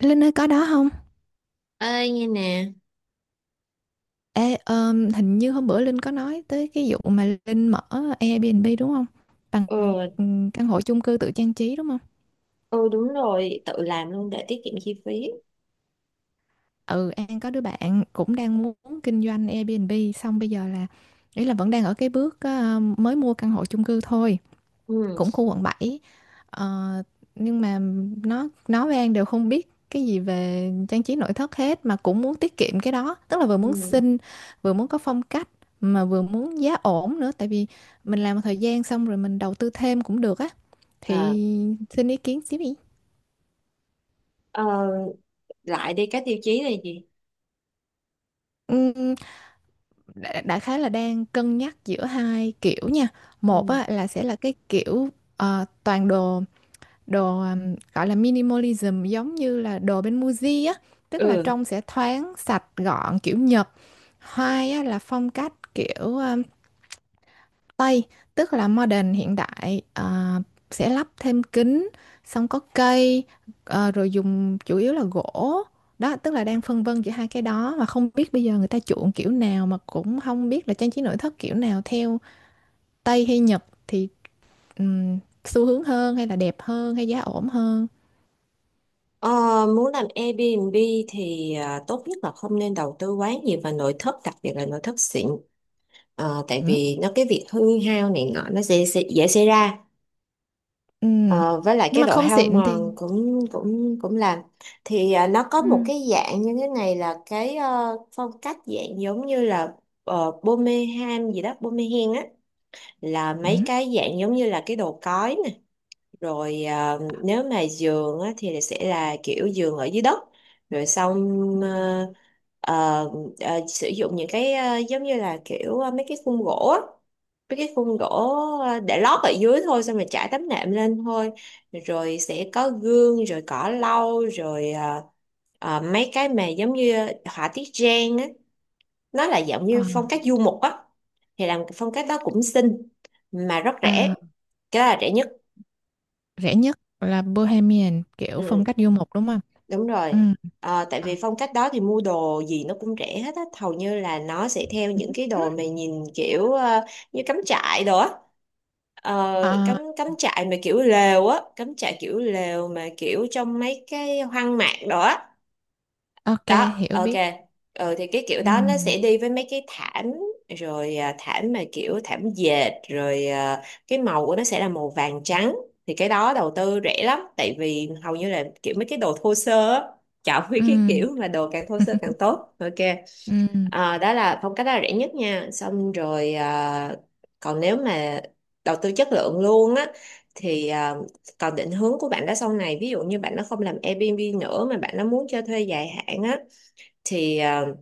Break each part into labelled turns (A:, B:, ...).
A: Linh ơi có đó không?
B: Ơi, nghe nè.
A: Ê, hình như hôm bữa Linh có nói tới cái vụ mà Linh mở Airbnb đúng không? Bằng
B: Ừ.
A: căn hộ chung cư tự trang trí đúng không?
B: Ừ, đúng rồi, tự làm luôn để tiết kiệm chi phí.
A: Ừ, An có đứa bạn cũng đang muốn kinh doanh Airbnb, xong bây giờ là ý là vẫn đang ở cái bước mới mua căn hộ chung cư thôi.
B: Ừ.
A: Cũng khu quận 7. Ờ, nhưng mà nó với An đều không biết cái gì về trang trí nội thất hết, mà cũng muốn tiết kiệm cái đó, tức là vừa muốn
B: Ừ.
A: xinh, vừa muốn có phong cách, mà vừa muốn giá ổn nữa, tại vì mình làm một thời gian xong rồi mình đầu tư thêm cũng được á,
B: Ờ,
A: thì xin ý kiến xíu đi.
B: ờ, lại đây, các tiêu chí là gì?
A: Ừm, đại khái là đang cân nhắc giữa hai kiểu nha. Một
B: Ừ.
A: á, là sẽ là cái kiểu toàn đồ đồ gọi là minimalism, giống như là đồ bên Muji á, tức là
B: Ừ.
A: trông sẽ thoáng sạch gọn kiểu Nhật. Hai á, là phong cách kiểu Tây, tức là modern hiện đại à, sẽ lắp thêm kính, xong có cây, rồi dùng chủ yếu là gỗ. Đó, tức là đang phân vân giữa hai cái đó, mà không biết bây giờ người ta chuộng kiểu nào, mà cũng không biết là trang trí nội thất kiểu nào, theo Tây hay Nhật thì um, xu hướng hơn hay là đẹp hơn hay giá ổn hơn.
B: ờ, Muốn làm Airbnb thì tốt nhất là không nên đầu tư quá nhiều vào nội thất, đặc biệt là nội thất xịn. Ờ, tại
A: Ừ.
B: vì nó cái việc hư hao này nọ nó sẽ dễ xảy ra.
A: Ừ.
B: Ờ, với lại
A: Nhưng
B: cái
A: mà
B: độ
A: không
B: hao
A: xịn thì.
B: mòn cũng cũng cũng làm. Thì nó có
A: Ừ.
B: một cái dạng như thế này là cái phong cách dạng giống như là Birmingham gì đó, Birmingham á. Là
A: Ừ.
B: mấy cái dạng giống như là cái đồ cói nè, rồi nếu mà giường á, thì sẽ là kiểu giường ở dưới đất. Rồi xong, ờ, ờ, sử dụng những cái giống như là kiểu mấy cái khung gỗ để lót ở dưới thôi, xong rồi trải tấm nệm lên thôi. Rồi sẽ có gương, rồi cỏ lau, rồi mấy cái mà giống như họa tiết Giang á, nó là giống
A: Ờ,
B: như phong cách du mục á. Thì làm cái phong cách đó cũng xinh mà rất
A: à,
B: rẻ, cái đó là rẻ nhất.
A: rẻ nhất là Bohemian, kiểu phong
B: Ừ,
A: cách du mục đúng không?
B: đúng rồi.
A: Ừ.
B: Ờ, tại
A: Ờ.
B: vì phong cách đó thì mua đồ gì nó cũng rẻ hết á, hầu như là nó sẽ theo những cái đồ mà nhìn kiểu như cắm trại đồ á. Ờ,
A: Ờ,
B: cắm cắm trại mà kiểu lều á, cắm trại kiểu lều mà kiểu trong mấy cái hoang mạc đó.
A: ok,
B: Đó,
A: hiểu
B: ok.
A: biết.
B: Ừ, thì cái kiểu
A: Ừ.
B: đó nó sẽ đi với mấy cái thảm, rồi thảm mà kiểu thảm dệt, rồi cái màu của nó sẽ là màu vàng trắng. Thì cái đó đầu tư rẻ lắm, tại vì hầu như là kiểu mấy cái đồ thô sơ á, chọn mấy
A: Ừ.
B: cái kiểu mà đồ càng thô sơ càng tốt, ok.
A: Ừ.
B: Ờ, đó là phong cách đó là rẻ nhất nha, xong rồi còn nếu mà đầu tư chất lượng luôn á thì còn định hướng của bạn đó sau này, ví dụ như bạn nó không làm Airbnb nữa mà bạn nó muốn cho thuê dài hạn á, thì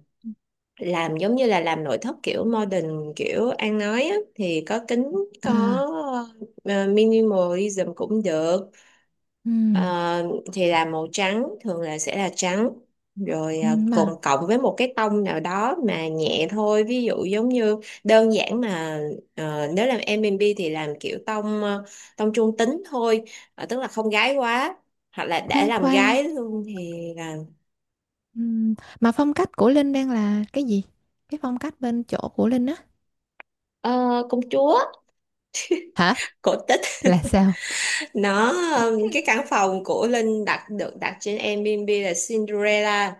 B: làm giống như là làm nội thất kiểu modern kiểu An nói á, thì có kính, có
A: À,
B: ờ, minimalism cũng được.
A: ừ.
B: Ờ, thì là màu trắng, thường là sẽ là trắng, rồi
A: Ừ.
B: cùng
A: Mà
B: cộng với một cái tông nào đó mà nhẹ thôi, ví dụ giống như đơn giản mà nếu làm M&B thì làm kiểu tông tông trung tính thôi. Ờ, tức là không gái quá, hoặc là để
A: khoan
B: làm
A: khoan,
B: gái luôn thì là
A: ừ. Mà phong cách của Linh đang là cái gì? Cái phong cách bên chỗ của Linh á.
B: ờ, công chúa,
A: Hả?
B: cổ tích.
A: Là sao?
B: Nó cái căn phòng của Linh đặt được đặt trên Airbnb là Cinderella.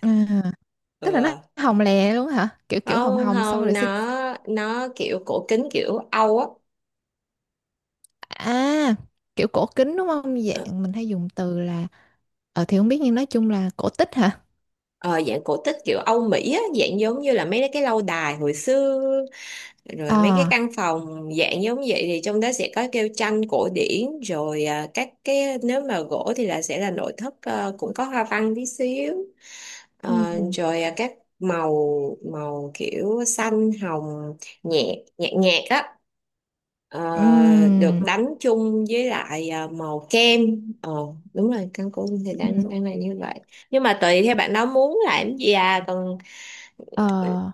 A: À, tức là nó
B: Ừ.
A: hồng lè luôn hả? Kiểu kiểu hồng
B: Không
A: hồng xong
B: không,
A: rồi xinh.
B: nó nó kiểu cổ kính kiểu Âu á.
A: À, kiểu cổ kính đúng không?
B: ờ,
A: Dạng mình hay dùng từ là, ờ thì không biết, nhưng nói chung là cổ tích hả?
B: ờ, Dạng cổ tích kiểu Âu Mỹ á, dạng giống như là mấy cái lâu đài hồi xưa, rồi mấy cái
A: Ờ.
B: căn phòng dạng giống vậy. Thì trong đó sẽ có kêu tranh cổ điển, rồi các cái nếu mà gỗ thì là sẽ là nội thất cũng có hoa văn tí xíu.
A: Ừ.
B: Ờ, rồi các màu, màu kiểu xanh hồng, nhẹ, nhạt nhạt á. ờ, Được
A: Ừm.
B: đánh chung với lại màu kem. ờ Đúng rồi, căn cũng thì
A: Ừ.
B: đang đang là như vậy, nhưng mà tùy theo bạn đó muốn làm gì à còn. Ừ.
A: Ờ,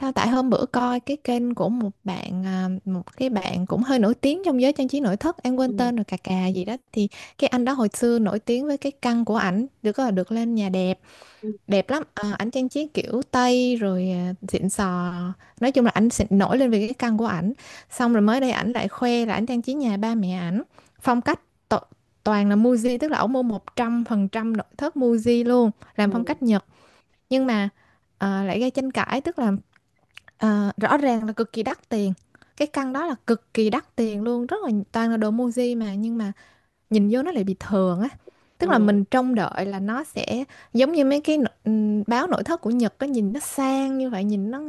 A: sao tại hôm bữa coi cái kênh của một bạn, à, một cái bạn cũng hơi nổi tiếng trong giới trang trí nội thất, em quên
B: Ừ.
A: tên rồi, cà cà gì đó thì cái anh đó hồi xưa nổi tiếng với cái căn của ảnh, được gọi là được lên nhà đẹp, đẹp lắm. Ờ, ảnh trang trí kiểu Tây rồi, à, xịn sò, nói chung là ảnh xịn, nổi lên về cái căn của ảnh. Xong rồi mới đây ảnh lại khoe là ảnh trang trí nhà ba mẹ ảnh phong cách to, toàn là Muji, tức là ổng mua 100% nội thất Muji luôn,
B: Ừ.
A: làm phong
B: Ừ.
A: cách Nhật. Nhưng mà lại gây tranh cãi, tức là rõ ràng là cực kỳ đắt tiền, cái căn đó là cực kỳ đắt tiền luôn, rất là toàn là đồ Muji, mà nhưng mà nhìn vô nó lại bị thường á. Tức là
B: Ừ.
A: mình trông đợi là nó sẽ giống như mấy cái báo nội thất của Nhật á, nhìn nó sang như vậy, nhìn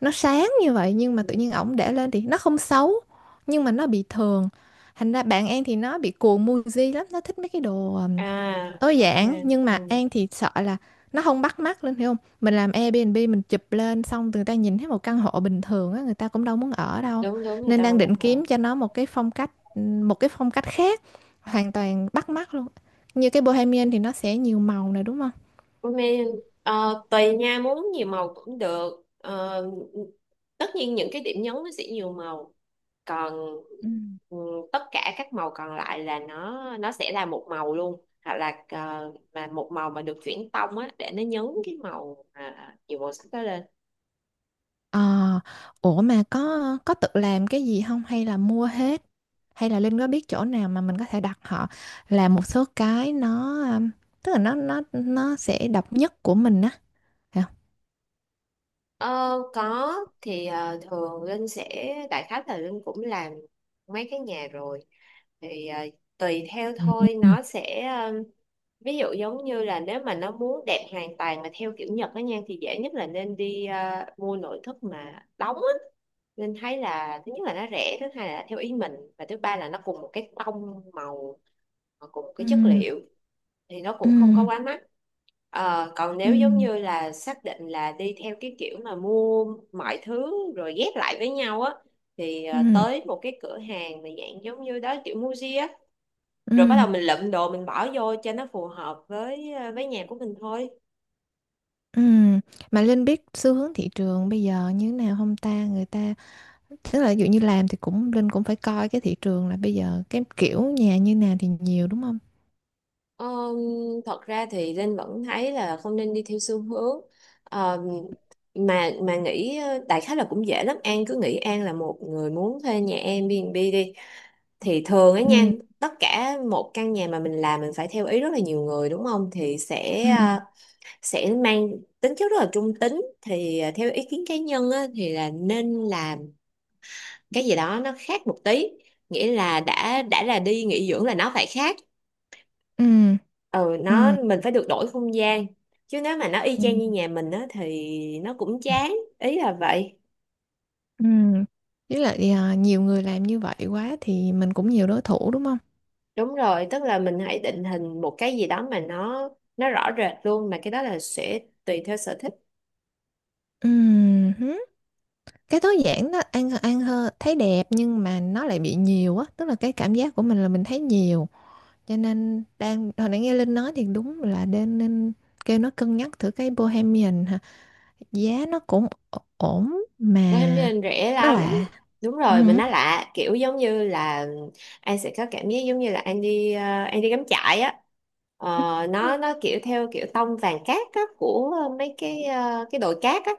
A: nó sáng như vậy, nhưng mà tự
B: Ừ.
A: nhiên ổng để lên thì nó không xấu nhưng mà nó bị thường. Thành ra bạn em thì nó bị cuồng Muji lắm, nó thích mấy cái đồ, à,
B: À,
A: tối
B: ok.
A: giản, nhưng mà
B: Ừ.
A: An thì sợ là nó không bắt mắt lên, hiểu không, mình làm Airbnb mình chụp lên xong người ta nhìn thấy một căn hộ bình thường á, người ta cũng đâu muốn ở đâu.
B: Đúng đúng, người
A: Nên
B: ta
A: đang
B: không
A: định
B: muốn hả.
A: kiếm cho nó một cái phong cách, một cái phong cách khác hoàn toàn, bắt mắt luôn, như cái Bohemian thì nó sẽ nhiều màu này đúng không.
B: Ủa mẹ, ờ, tùy nha, muốn nhiều màu cũng được. Ờ, tất nhiên những cái điểm nhấn nó sẽ nhiều màu, còn
A: Ừ.
B: ừ, tất cả các màu còn lại là nó sẽ là một màu luôn, hoặc là mà một màu mà được chuyển tông á, để nó nhấn cái màu mà nhiều màu sắc đó lên.
A: Ờ, ủa mà có tự làm cái gì không hay là mua hết, hay là Linh có biết chỗ nào mà mình có thể đặt họ làm một số cái nó tức là nó sẽ độc nhất của mình á.
B: Ờ, có. Thì thường Linh sẽ đại khái là Linh cũng làm mấy cái nhà rồi, thì tùy theo
A: Ừm.
B: thôi,
A: Ừm.
B: nó sẽ ví dụ giống như là nếu mà nó muốn đẹp hoàn toàn mà theo kiểu Nhật á nha, thì dễ nhất là nên đi mua nội thất mà đóng á. Linh thấy là thứ nhất là nó rẻ, thứ hai là theo ý mình, và thứ ba là nó cùng một cái tông màu, cùng một cái chất
A: Ừm.
B: liệu, thì nó cũng không có
A: Ừm.
B: quá mắc. Ờ, còn nếu giống
A: Ừm,
B: như là xác định là đi theo cái kiểu mà mua mọi thứ rồi ghép lại với nhau á, thì
A: ừm,
B: tới một cái cửa hàng mà dạng giống như đó kiểu Muji á, rồi bắt đầu
A: ừm,
B: mình lượm đồ mình bỏ vô cho nó phù hợp với với nhà của mình thôi.
A: Mà Linh biết xu hướng thị trường bây giờ như thế nào không ta? Người ta, tức là ví dụ như làm thì cũng Linh cũng phải coi cái thị trường, là bây giờ cái kiểu nhà như nào thì nhiều đúng không?
B: Ờm, thật ra thì Linh vẫn thấy là không nên đi theo xu hướng. Ờm, mà nghĩ đại khái là cũng dễ lắm, An cứ nghĩ An là một người muốn thuê nhà Airbnb đi, thì thường ấy nha,
A: Ừm.
B: tất cả một căn nhà mà mình làm mình phải theo ý rất là nhiều người đúng không, thì sẽ
A: Ừm.
B: sẽ mang tính chất rất là trung tính. Thì theo ý kiến cá nhân á, thì là nên làm cái gì đó nó khác một tí, nghĩa là đã là đi nghỉ dưỡng là nó phải khác.
A: Ừm.
B: Ừ,
A: Ừm.
B: nó mình phải được đổi không gian, chứ nếu mà nó y chang
A: Ừm.
B: như nhà mình á thì nó cũng chán, ý là vậy.
A: Ừm. Với lại, à, nhiều người làm như vậy quá thì mình cũng nhiều đối thủ đúng không?
B: Đúng rồi, tức là mình hãy định hình một cái gì đó mà nó rõ rệt luôn, mà cái đó là sẽ tùy theo sở thích.
A: Ừm. Cái tối giản đó ăn ăn hơn, thấy đẹp, nhưng mà nó lại bị nhiều á, tức là cái cảm giác của mình là mình thấy nhiều. Cho nên đang hồi nãy nghe Linh nói thì đúng là nên nên kêu nó cân nhắc thử cái Bohemian hả, giá nó cũng ổn mà,
B: Bohemian rẻ
A: nó
B: lắm.
A: lạ.
B: Đúng
A: Ừ.
B: rồi, mình nói lạ kiểu giống như là anh sẽ có cảm giác giống như là anh đi anh đi cắm trại á. Ờ, nó kiểu theo kiểu tông vàng cát á, của mấy cái cái đồi cát á,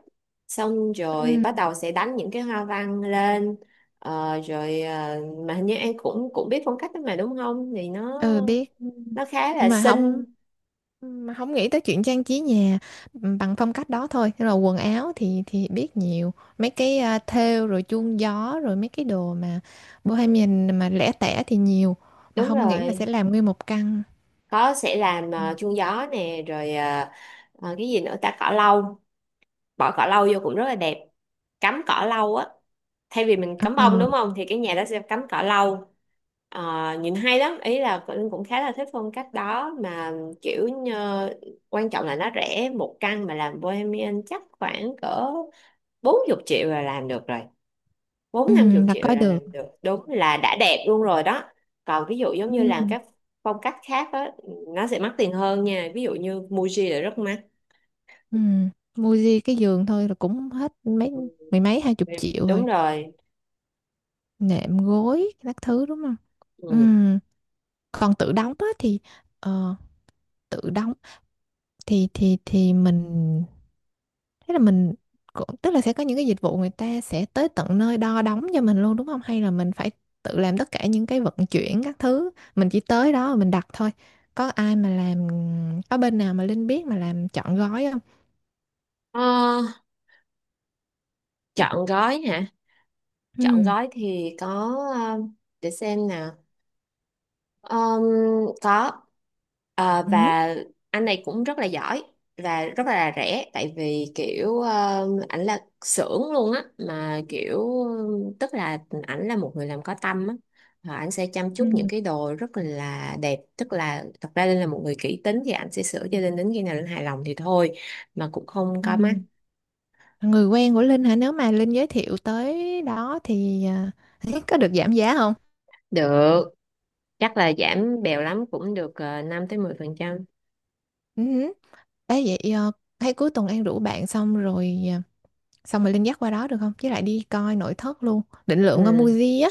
B: xong rồi
A: Ừ.
B: bắt đầu sẽ đánh những cái hoa văn lên. Ờ, rồi mà hình như anh cũng cũng biết phong cách đó mà đúng không, thì nó
A: Ừ biết. Ừ.
B: nó khá là
A: Mà không,
B: xinh.
A: mà không nghĩ tới chuyện trang trí nhà, ừ, bằng phong cách đó thôi. Thế là quần áo thì biết nhiều mấy cái, à, thêu rồi chuông gió rồi mấy cái đồ mà bohemian mà lẻ tẻ thì nhiều, mà
B: Đúng
A: không nghĩ là sẽ
B: rồi.
A: làm nguyên một căn.
B: Có, sẽ làm
A: Ừ.
B: chuông gió nè, rồi cái gì nữa ta, cỏ lâu, bỏ cỏ lau vô cũng rất là đẹp, cắm cỏ lau á, thay vì mình cắm bông
A: Ờ,
B: đúng không, thì cái nhà đó sẽ cắm cỏ lau. Ờ, nhìn hay lắm, ý là Linh cũng khá là thích phong cách đó mà, kiểu như, quan trọng là nó rẻ. Một căn mà làm Bohemian chắc khoảng cỡ 40 triệu là làm được rồi,
A: ừ,
B: bốn năm chục
A: là
B: triệu
A: coi
B: là
A: được.
B: làm được, đúng là đã đẹp luôn rồi đó. Còn ví dụ giống như làm
A: Ừ.
B: các phong cách khác á, nó sẽ mắc tiền hơn nha, ví dụ như Muji là rất mắc.
A: Ừ. Mua gì cái giường thôi là cũng hết mấy mười mấy hai chục
B: Ừ,
A: triệu
B: đúng
A: rồi,
B: rồi.
A: nệm gối các thứ đúng không. Ừ.
B: Ừ.
A: Còn tự đóng á thì ờ, tự đóng thì mình thế là mình cũng, tức là sẽ có những cái dịch vụ người ta sẽ tới tận nơi đo đóng cho mình luôn đúng không, hay là mình phải tự làm tất cả những cái vận chuyển các thứ, mình chỉ tới đó rồi mình đặt thôi. Có ai mà làm, có bên nào mà Linh biết mà làm trọn gói không.
B: Ờ, Chọn gói hả? Chọn
A: Ừ.
B: gói thì có. um, để xem nào. Um, có. Ờ,
A: Ừ.
B: và anh này cũng rất là giỏi và rất là rẻ, tại vì kiểu ảnh là xưởng luôn á, mà kiểu tức là ảnh là một người làm có tâm á, và ảnh sẽ chăm
A: Ừ.
B: chút những cái đồ rất là đẹp. Tức là thật ra Linh là một người kỹ tính thì ảnh sẽ sửa cho Linh đến khi nào Linh hài lòng thì thôi, mà cũng không
A: Ừ.
B: có mắc.
A: Người quen của Linh hả, nếu mà Linh giới thiệu tới đó thì, à, có được giảm giá không.
B: Được, chắc là giảm bèo lắm cũng được, ờ, 5 tới mười phần trăm.
A: Ừ. Ê, vậy à, hay cuối tuần An rủ bạn, xong rồi à, xong rồi Linh dắt qua đó được không, với lại đi coi nội thất luôn, định lượng qua
B: Ừ.
A: Muji á.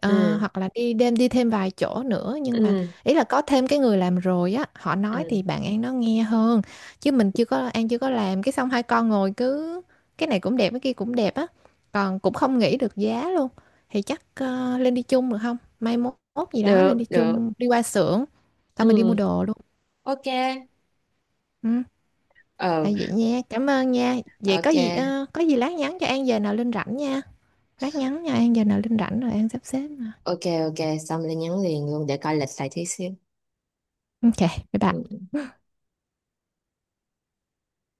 A: Ờ,
B: Ừ.
A: hoặc là đi đêm đi thêm vài chỗ nữa, nhưng mà
B: Ừ.
A: ý là có thêm cái người làm rồi á, họ nói
B: Ừ.
A: thì bạn An nó nghe hơn, chứ mình chưa có, An chưa có làm cái, xong hai con ngồi cứ cái này cũng đẹp cái kia cũng đẹp á, còn cũng không nghĩ được giá luôn. Thì chắc lên đi chung được không, mai mốt mốt gì đó lên
B: Được
A: đi
B: được.
A: chung đi qua xưởng, xong mình đi mua
B: Ừ.
A: đồ luôn.
B: Ok.
A: Ừ.
B: Ờ.
A: À, vậy nha, cảm ơn nha, vậy có gì
B: Ok.
A: có gì lát nhắn cho An giờ nào Linh rảnh nha. Lát nhắn nha, An giờ nào Linh rảnh rồi An sắp xếp mà.
B: Ok. Ok, xong lên nhắn liền luôn để coi lịch lại tí xíu.
A: Ok, bye
B: Ừ.
A: bye.